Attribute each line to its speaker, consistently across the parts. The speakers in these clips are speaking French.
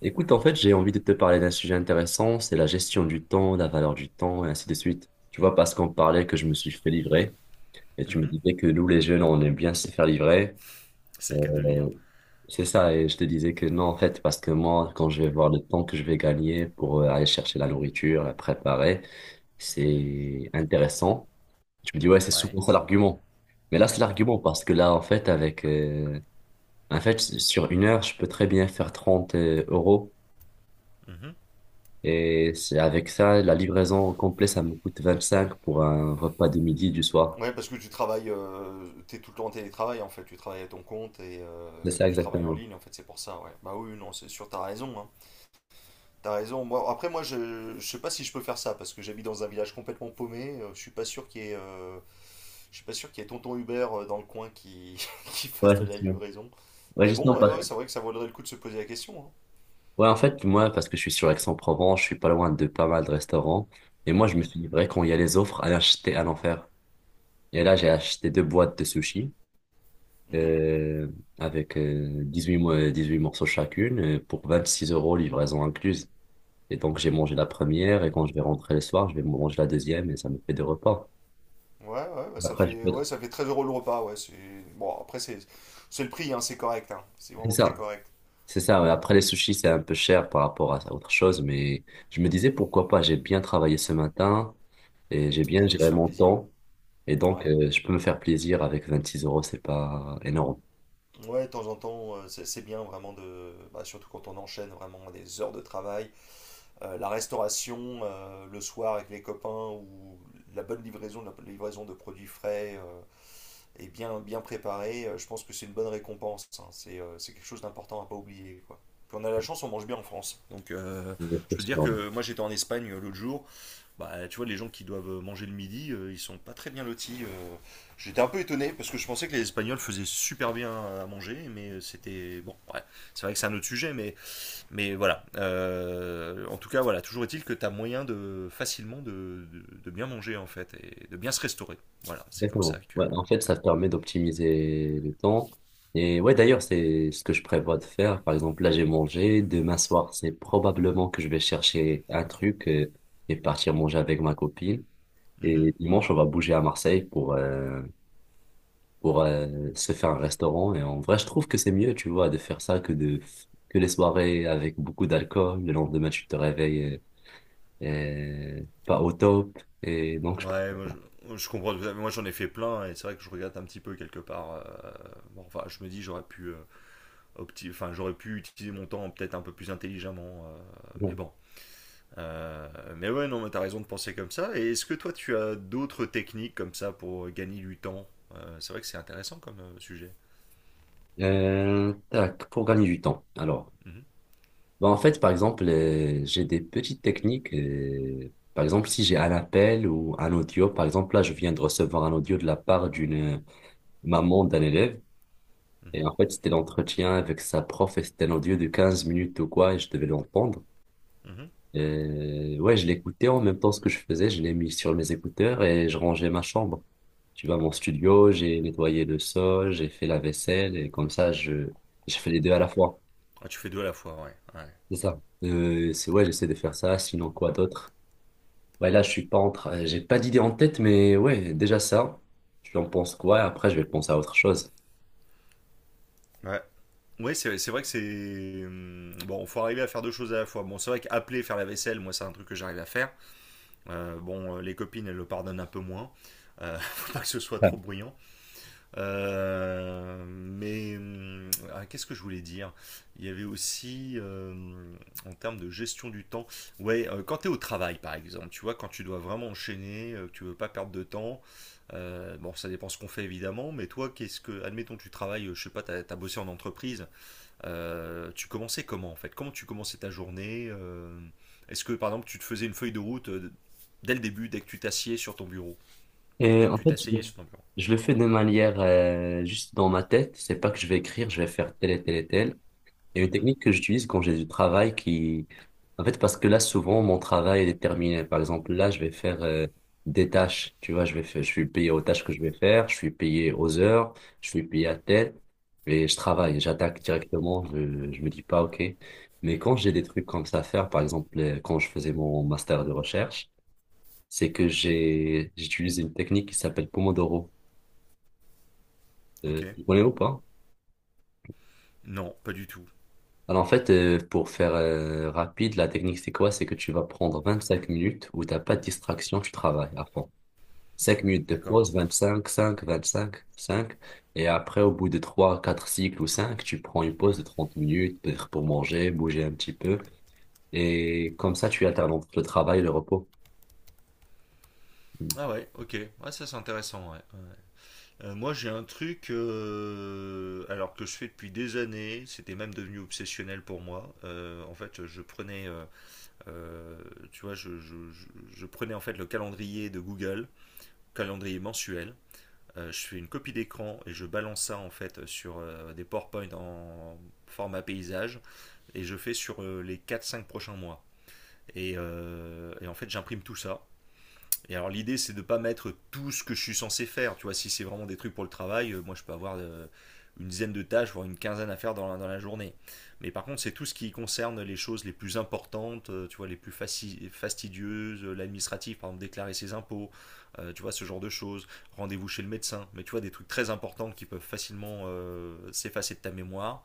Speaker 1: Écoute, en fait, j'ai envie de te parler d'un sujet intéressant, c'est la gestion du temps, la valeur du temps, et ainsi de suite. Tu vois, parce qu'on parlait que je me suis fait livrer, et tu me
Speaker 2: Mhm.
Speaker 1: disais que nous, les jeunes, on aime bien se faire livrer.
Speaker 2: C'est le cas de lire.
Speaker 1: Euh, c'est ça, et je te disais que non, en fait, parce que moi, quand je vais voir le temps que je vais gagner pour aller chercher la nourriture, la préparer, c'est intéressant. Tu me dis, ouais, c'est
Speaker 2: Ouais.
Speaker 1: souvent ça l'argument. Mais là, c'est l'argument parce que là, en fait, en fait, sur une heure, je peux très bien faire 30 euros.
Speaker 2: Mhm.
Speaker 1: Et c'est avec ça, la livraison au complet, ça me coûte 25 pour un repas de midi du soir.
Speaker 2: Ouais, parce que tu travailles, t'es tout le temps en télétravail en fait, tu travailles à ton compte
Speaker 1: C'est ça
Speaker 2: tu travailles en
Speaker 1: exactement.
Speaker 2: ligne en fait, c'est pour ça, ouais. Bah oui, non, c'est sûr, t'as raison, hein. T'as raison. Moi, après, moi, je sais pas si je peux faire ça parce que j'habite dans un village complètement paumé, je suis pas sûr qu'il y ait, je suis pas sûr qu'il y ait tonton Hubert dans le coin qui, qui fasse
Speaker 1: Ouais,
Speaker 2: de la
Speaker 1: justement.
Speaker 2: livraison.
Speaker 1: Ouais,
Speaker 2: Mais
Speaker 1: justement,
Speaker 2: bon,
Speaker 1: parce-
Speaker 2: ouais, c'est vrai que ça vaudrait le coup de se poser la question, hein.
Speaker 1: ouais, en fait, moi, parce que je suis sur Aix-en-Provence, je suis pas loin de pas mal de restaurants. Et moi, je me
Speaker 2: Mhm,
Speaker 1: suis livré quand il y a les offres, à acheter à l'enfer. Et là, j'ai acheté deux boîtes de sushis
Speaker 2: mhm.
Speaker 1: euh, avec 18 morceaux chacune, pour 26 euros, livraison incluse. Et donc, j'ai mangé la première et quand je vais rentrer le soir, je vais manger la deuxième et ça me fait deux repas.
Speaker 2: Ouais, ouais, bah, ça
Speaker 1: Après, je
Speaker 2: fait,
Speaker 1: peux...
Speaker 2: ouais, ça fait 13 euros le repas. Ouais, c'est... Bon, après, c'est le prix, hein, c'est correct, hein. C'est
Speaker 1: C'est
Speaker 2: vraiment très
Speaker 1: ça.
Speaker 2: correct.
Speaker 1: C'est ça, ouais. Après les sushis, c'est un peu cher par rapport à autre chose, mais je me disais pourquoi pas, j'ai bien travaillé ce matin et j'ai bien
Speaker 2: Bah, faut se
Speaker 1: géré
Speaker 2: faire
Speaker 1: mon
Speaker 2: plaisir.
Speaker 1: temps et donc
Speaker 2: Ouais.
Speaker 1: je peux me faire plaisir avec 26 euros, c'est pas énorme.
Speaker 2: Ouais, de temps en temps, c'est bien vraiment de, bah, surtout quand on enchaîne vraiment des heures de travail, la restauration le soir avec les copains ou la bonne livraison, la livraison de produits frais et bien, bien préparés, je pense que c'est une bonne récompense, hein. C'est quelque chose d'important à pas oublier, quoi. Puis on a la chance, on mange bien en France. Donc je peux dire
Speaker 1: Exactement.
Speaker 2: que moi j'étais en Espagne l'autre jour, bah, tu vois les gens qui doivent manger le midi, ils sont pas très bien lotis, J'étais un peu étonné parce que je pensais que les Espagnols faisaient super bien à manger, mais c'était bon, ouais, c'est vrai que c'est un autre sujet, mais voilà, en tout cas, voilà, toujours est-il que tu as moyen de facilement de bien manger en fait et de bien se restaurer. Voilà, c'est comme ça que.
Speaker 1: Ouais, en fait,
Speaker 2: Ouais.
Speaker 1: ça te permet d'optimiser le temps. Et ouais, d'ailleurs, c'est ce que je prévois de faire. Par exemple, là, j'ai mangé. Demain soir, c'est probablement que je vais chercher un truc et partir manger avec ma copine.
Speaker 2: Mhm.
Speaker 1: Et dimanche, on va bouger à Marseille pour se faire un restaurant. Et en vrai, je trouve que c'est mieux, tu vois, de faire ça que de que les soirées avec beaucoup d'alcool. Le lendemain, tu te réveilles pas au top. Et donc, je
Speaker 2: Ouais, moi, je comprends tout à fait. Moi j'en ai fait plein et c'est vrai que je regrette un petit peu quelque part, bon, enfin, je me dis j'aurais pu, enfin, j'aurais pu utiliser mon temps peut-être un peu plus intelligemment, mais
Speaker 1: comprends.
Speaker 2: bon. Mais ouais, non, mais t'as raison de penser comme ça. Et est-ce que toi tu as d'autres techniques comme ça pour gagner du temps? C'est vrai que c'est intéressant comme sujet.
Speaker 1: Pour gagner du temps. Alors,
Speaker 2: Mhm,
Speaker 1: bah, en fait, par exemple, j'ai des petites techniques. Par exemple, si j'ai un appel ou un audio, par exemple, là, je viens de recevoir un audio de la part d'une maman d'un élève. Et
Speaker 2: mhm,
Speaker 1: en fait, c'était l'entretien avec sa prof et c'était un audio de 15 minutes ou quoi, et je devais l'entendre.
Speaker 2: mhm.
Speaker 1: Ouais, je l'écoutais en même temps ce que je faisais, je l'ai mis sur mes écouteurs et je rangeais ma chambre. Tu vois, mon studio, j'ai nettoyé le sol, j'ai fait la vaisselle et comme ça, je fais les deux à la fois.
Speaker 2: Ah, tu fais deux à la fois, ouais. Ouais,
Speaker 1: C'est ça. C'est Ouais, j'essaie de faire ça, sinon quoi d'autre? Ouais, là, je suis pas en train, j'ai pas d'idée en tête, mais ouais, déjà ça. Je en pense quoi? Et après, je vais penser à autre chose.
Speaker 2: ouais. Ouais, c'est vrai que c'est, bon, faut arriver à faire deux choses à la fois. Bon, c'est vrai qu'appeler, faire la vaisselle, moi, c'est un truc que j'arrive à faire. Bon, les copines, elles le pardonnent un peu moins. Faut pas que ce soit trop bruyant. Mais ah, qu'est-ce que je voulais dire? Il y avait aussi, en termes de gestion du temps, ouais, quand tu es au travail par exemple, tu vois, quand tu dois vraiment enchaîner, que tu veux pas perdre de temps, bon, ça dépend ce qu'on fait évidemment, mais toi, qu'est-ce que, admettons, tu travailles, je sais pas, as bossé en entreprise, tu commençais comment en fait? Comment tu commençais ta journée? Est-ce que par exemple, tu te faisais une feuille de route dès le début, dès que tu t'assieds sur ton bureau?
Speaker 1: Et
Speaker 2: Dès que
Speaker 1: en
Speaker 2: tu
Speaker 1: fait, je,
Speaker 2: t'asseyais
Speaker 1: le
Speaker 2: sur ton bureau?
Speaker 1: je le fais de manière juste dans ma tête. C'est pas que je vais écrire, je vais faire tel et tel et tel. Il y a une
Speaker 2: Mhm,
Speaker 1: technique que j'utilise quand j'ai du travail qui, en fait, parce que là, souvent, mon travail est déterminé. Par exemple, là, je vais faire des tâches. Tu vois, je vais faire, je suis payé aux tâches que je vais faire, je suis payé aux heures, je suis payé à telle, et je travaille, j'attaque directement. Je me dis pas, OK. Mais quand j'ai des trucs comme ça à faire, par exemple, quand je faisais mon master de recherche, c'est que j'utilise une technique qui s'appelle Pomodoro.
Speaker 2: ok.
Speaker 1: Tu connais ou pas?
Speaker 2: Non, pas du tout.
Speaker 1: Alors en fait, pour faire rapide, la technique c'est quoi? C'est que tu vas prendre 25 minutes où t'as pas de distraction, tu travailles à fond. Cinq minutes de
Speaker 2: D'accord.
Speaker 1: pause, vingt-cinq cinq et après, au bout de 3 4 cycles ou 5 tu prends une pause de 30 minutes, peut-être pour manger, bouger un petit peu. Et comme ça, tu alternes entre le travail et le repos. Ouais.
Speaker 2: Ah ouais, ok. Ouais, ça c'est intéressant, ouais. Moi j'ai un truc, alors que je fais depuis des années, c'était même devenu obsessionnel pour moi. En fait, je prenais, euh, tu vois, je prenais en fait le calendrier Google, calendrier mensuel. Je fais une copie d'écran et je balance ça en fait sur des PowerPoint en format paysage et je fais sur les quatre cinq prochains mois. Et en fait, j'imprime tout ça. Et alors l'idée c'est de ne pas mettre tout ce que je suis censé faire. Tu vois, si c'est vraiment des trucs pour le travail, moi je peux avoir une dizaine de tâches, voire une quinzaine à faire dans dans la journée. Mais par contre, c'est tout ce qui concerne les choses les plus importantes, tu vois, les plus fastidieuses, l'administratif, par exemple déclarer ses impôts, tu vois, ce genre de choses, rendez-vous chez le médecin. Mais tu vois, des trucs très importants qui peuvent facilement s'effacer de ta mémoire.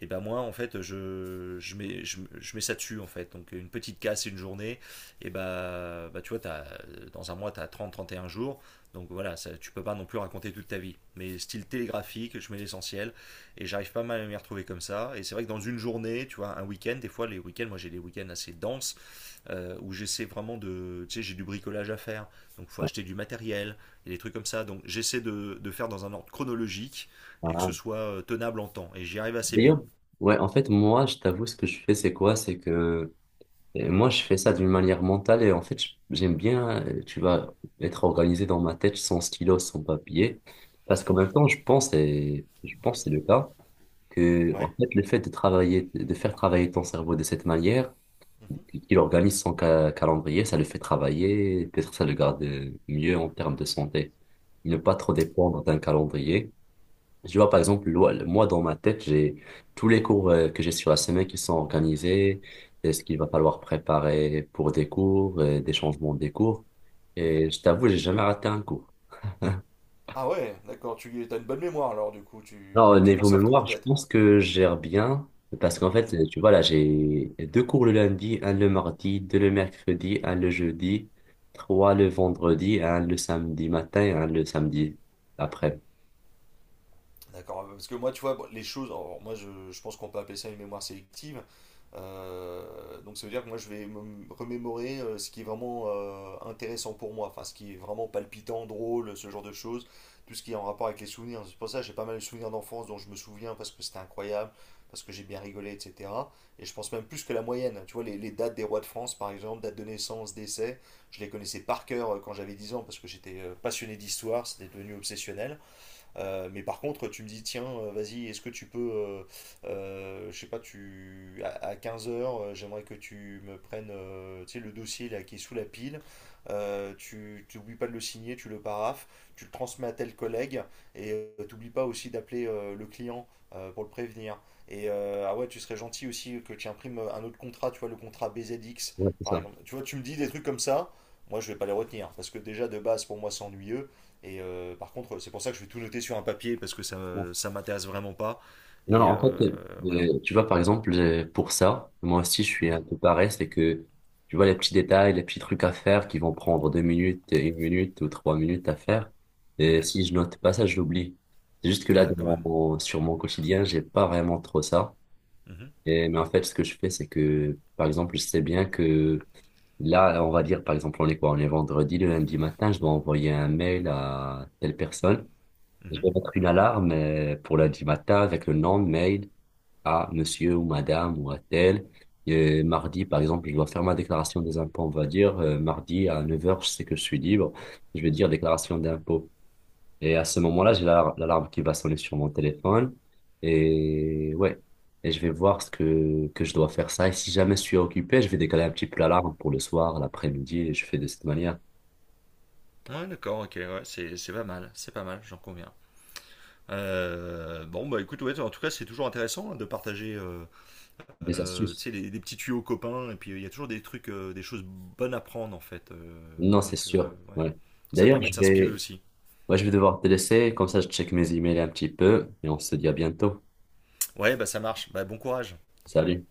Speaker 2: Et ben moi, en fait, je mets ça dessus, en fait. Donc une petite casse, une journée, et ben tu vois, t'as dans un mois, tu as trente à trente et un jours. Donc voilà, ça, tu peux pas non plus raconter toute ta vie. Mais style télégraphique, je mets l'essentiel. Et j'arrive pas mal à m'y retrouver comme ça. Et c'est vrai que dans une journée, tu vois, un week-end, des fois, les week-ends, moi j'ai des week-ends assez denses, où j'essaie vraiment de. Tu sais, j'ai du bricolage à faire. Donc il faut acheter du matériel, et des trucs comme ça. Donc j'essaie de faire dans un ordre chronologique,
Speaker 1: Ah.
Speaker 2: et que ce
Speaker 1: Ah.
Speaker 2: soit tenable en temps. Et j'y arrive assez bien.
Speaker 1: D'ailleurs, ouais, en fait, moi, je t'avoue, ce que je fais, c'est quoi? C'est que Et moi, je fais ça d'une manière mentale et en fait, j'aime bien, tu vas être organisé dans ma tête sans stylo, sans papier. Parce qu'en même temps, je pense, et je pense que c'est le cas, que en
Speaker 2: Ouais.
Speaker 1: fait, le fait de travailler, de faire travailler ton cerveau de cette manière,
Speaker 2: Mhm,
Speaker 1: qu'il organise son calendrier, ça le fait travailler, peut-être ça le garde mieux en termes de santé. Ne pas trop dépendre d'un calendrier. Tu vois, par exemple, moi, dans ma tête, j'ai tous les cours que j'ai sur la semaine qui sont organisés, et ce qu'il va falloir préparer pour des cours, et des changements des cours.
Speaker 2: mhm.
Speaker 1: Et je t'avoue, j'ai jamais raté un cours.
Speaker 2: Ah ouais, d'accord, tu as une bonne mémoire alors du coup,
Speaker 1: Non, au
Speaker 2: tu
Speaker 1: niveau
Speaker 2: conserves tout en
Speaker 1: mémoire, je
Speaker 2: tête.
Speaker 1: pense que je gère bien, parce qu'en fait,
Speaker 2: Mhm.
Speaker 1: tu vois, là, j'ai deux cours le lundi, un le mardi, deux le mercredi, un le jeudi, trois le vendredi, un le samedi matin et un le samedi après.
Speaker 2: D'accord, parce que moi, tu vois, bon, les choses, alors, moi, je pense qu'on peut appeler ça une mémoire sélective. Donc, ça veut dire que moi, je vais me remémorer ce qui est vraiment intéressant pour moi, enfin, ce qui est vraiment palpitant, drôle, ce genre de choses, tout ce qui est en rapport avec les souvenirs. C'est pour ça que j'ai pas mal de souvenirs d'enfance dont je me souviens parce que c'était incroyable, parce que j'ai bien rigolé, etc. Et je pense même plus que la moyenne. Tu vois, les dates des rois de France, par exemple, date de naissance, décès, je les connaissais par cœur quand j'avais 10 ans parce que j'étais passionné d'histoire, c'était devenu obsessionnel. Mais par contre, tu me dis, tiens, vas-y, est-ce que tu peux, je sais pas, tu, à 15 heures, j'aimerais que tu me prennes, tu sais, le dossier là qui est sous la pile. Tu n'oublies pas de le signer, tu le paraphes, tu le transmets à tel collègue t'oublies pas aussi d'appeler le client pour le prévenir. Ah ouais, tu serais gentil aussi que tu imprimes un autre contrat, tu vois, le contrat BZX
Speaker 1: Ouais, c'est
Speaker 2: par
Speaker 1: ça.
Speaker 2: exemple. Tu vois, tu me dis des trucs comme ça, moi je vais pas les retenir parce que déjà de base pour moi c'est ennuyeux. Par contre, c'est pour ça que je vais tout noter sur un papier parce que ça m'intéresse vraiment pas.
Speaker 1: Non, non,
Speaker 2: Et
Speaker 1: en fait,
Speaker 2: euh, voilà.
Speaker 1: tu vois, par exemple, pour ça, moi aussi, je suis
Speaker 2: Mhm.
Speaker 1: un peu pareil, c'est que, tu vois, les petits détails, les petits trucs à faire qui vont prendre deux minutes, une minute ou trois minutes à faire, et si je note pas ça, je l'oublie. C'est juste que là,
Speaker 2: Ah, quand même.
Speaker 1: sur mon quotidien, j'ai pas vraiment trop ça.
Speaker 2: Mhm,
Speaker 1: Et, mais en fait, ce que je fais, c'est que, par exemple, je sais bien que là, on va dire, par exemple, on est quoi? On est vendredi, le lundi matin, je dois envoyer un mail à telle personne. Je
Speaker 2: mhm.
Speaker 1: vais mettre une alarme pour lundi matin avec le nom, mail à monsieur ou madame ou à tel. Et mardi, par exemple, je dois faire ma déclaration des impôts, on va dire. Mardi à neuf heures je sais que je suis libre. Je vais dire déclaration d'impôts. Et à ce moment-là, l'alarme qui va sonner sur mon téléphone. Et ouais, et je vais voir ce que je dois faire ça. Et si jamais je suis occupé, je vais décaler un petit peu l'alarme pour le soir, l'après-midi. Et je fais de cette manière.
Speaker 2: Ouais, d'accord, ok, ouais, c'est pas mal, j'en conviens. Bon, bah écoute, ouais, en tout cas, c'est toujours intéressant hein, de partager
Speaker 1: Des
Speaker 2: tu
Speaker 1: astuces.
Speaker 2: sais, des petits tuyaux aux copains, et puis il y a toujours des trucs, des choses bonnes à prendre en fait,
Speaker 1: Non, c'est
Speaker 2: donc,
Speaker 1: sûr.
Speaker 2: ouais,
Speaker 1: Ouais.
Speaker 2: ça
Speaker 1: D'ailleurs,
Speaker 2: permet de
Speaker 1: je
Speaker 2: s'inspirer
Speaker 1: vais,
Speaker 2: aussi.
Speaker 1: ouais, je vais devoir te laisser. Comme ça, je check mes emails un petit peu. Et on se dit à bientôt.
Speaker 2: Ouais, bah ça marche, bah bon courage.
Speaker 1: Salut.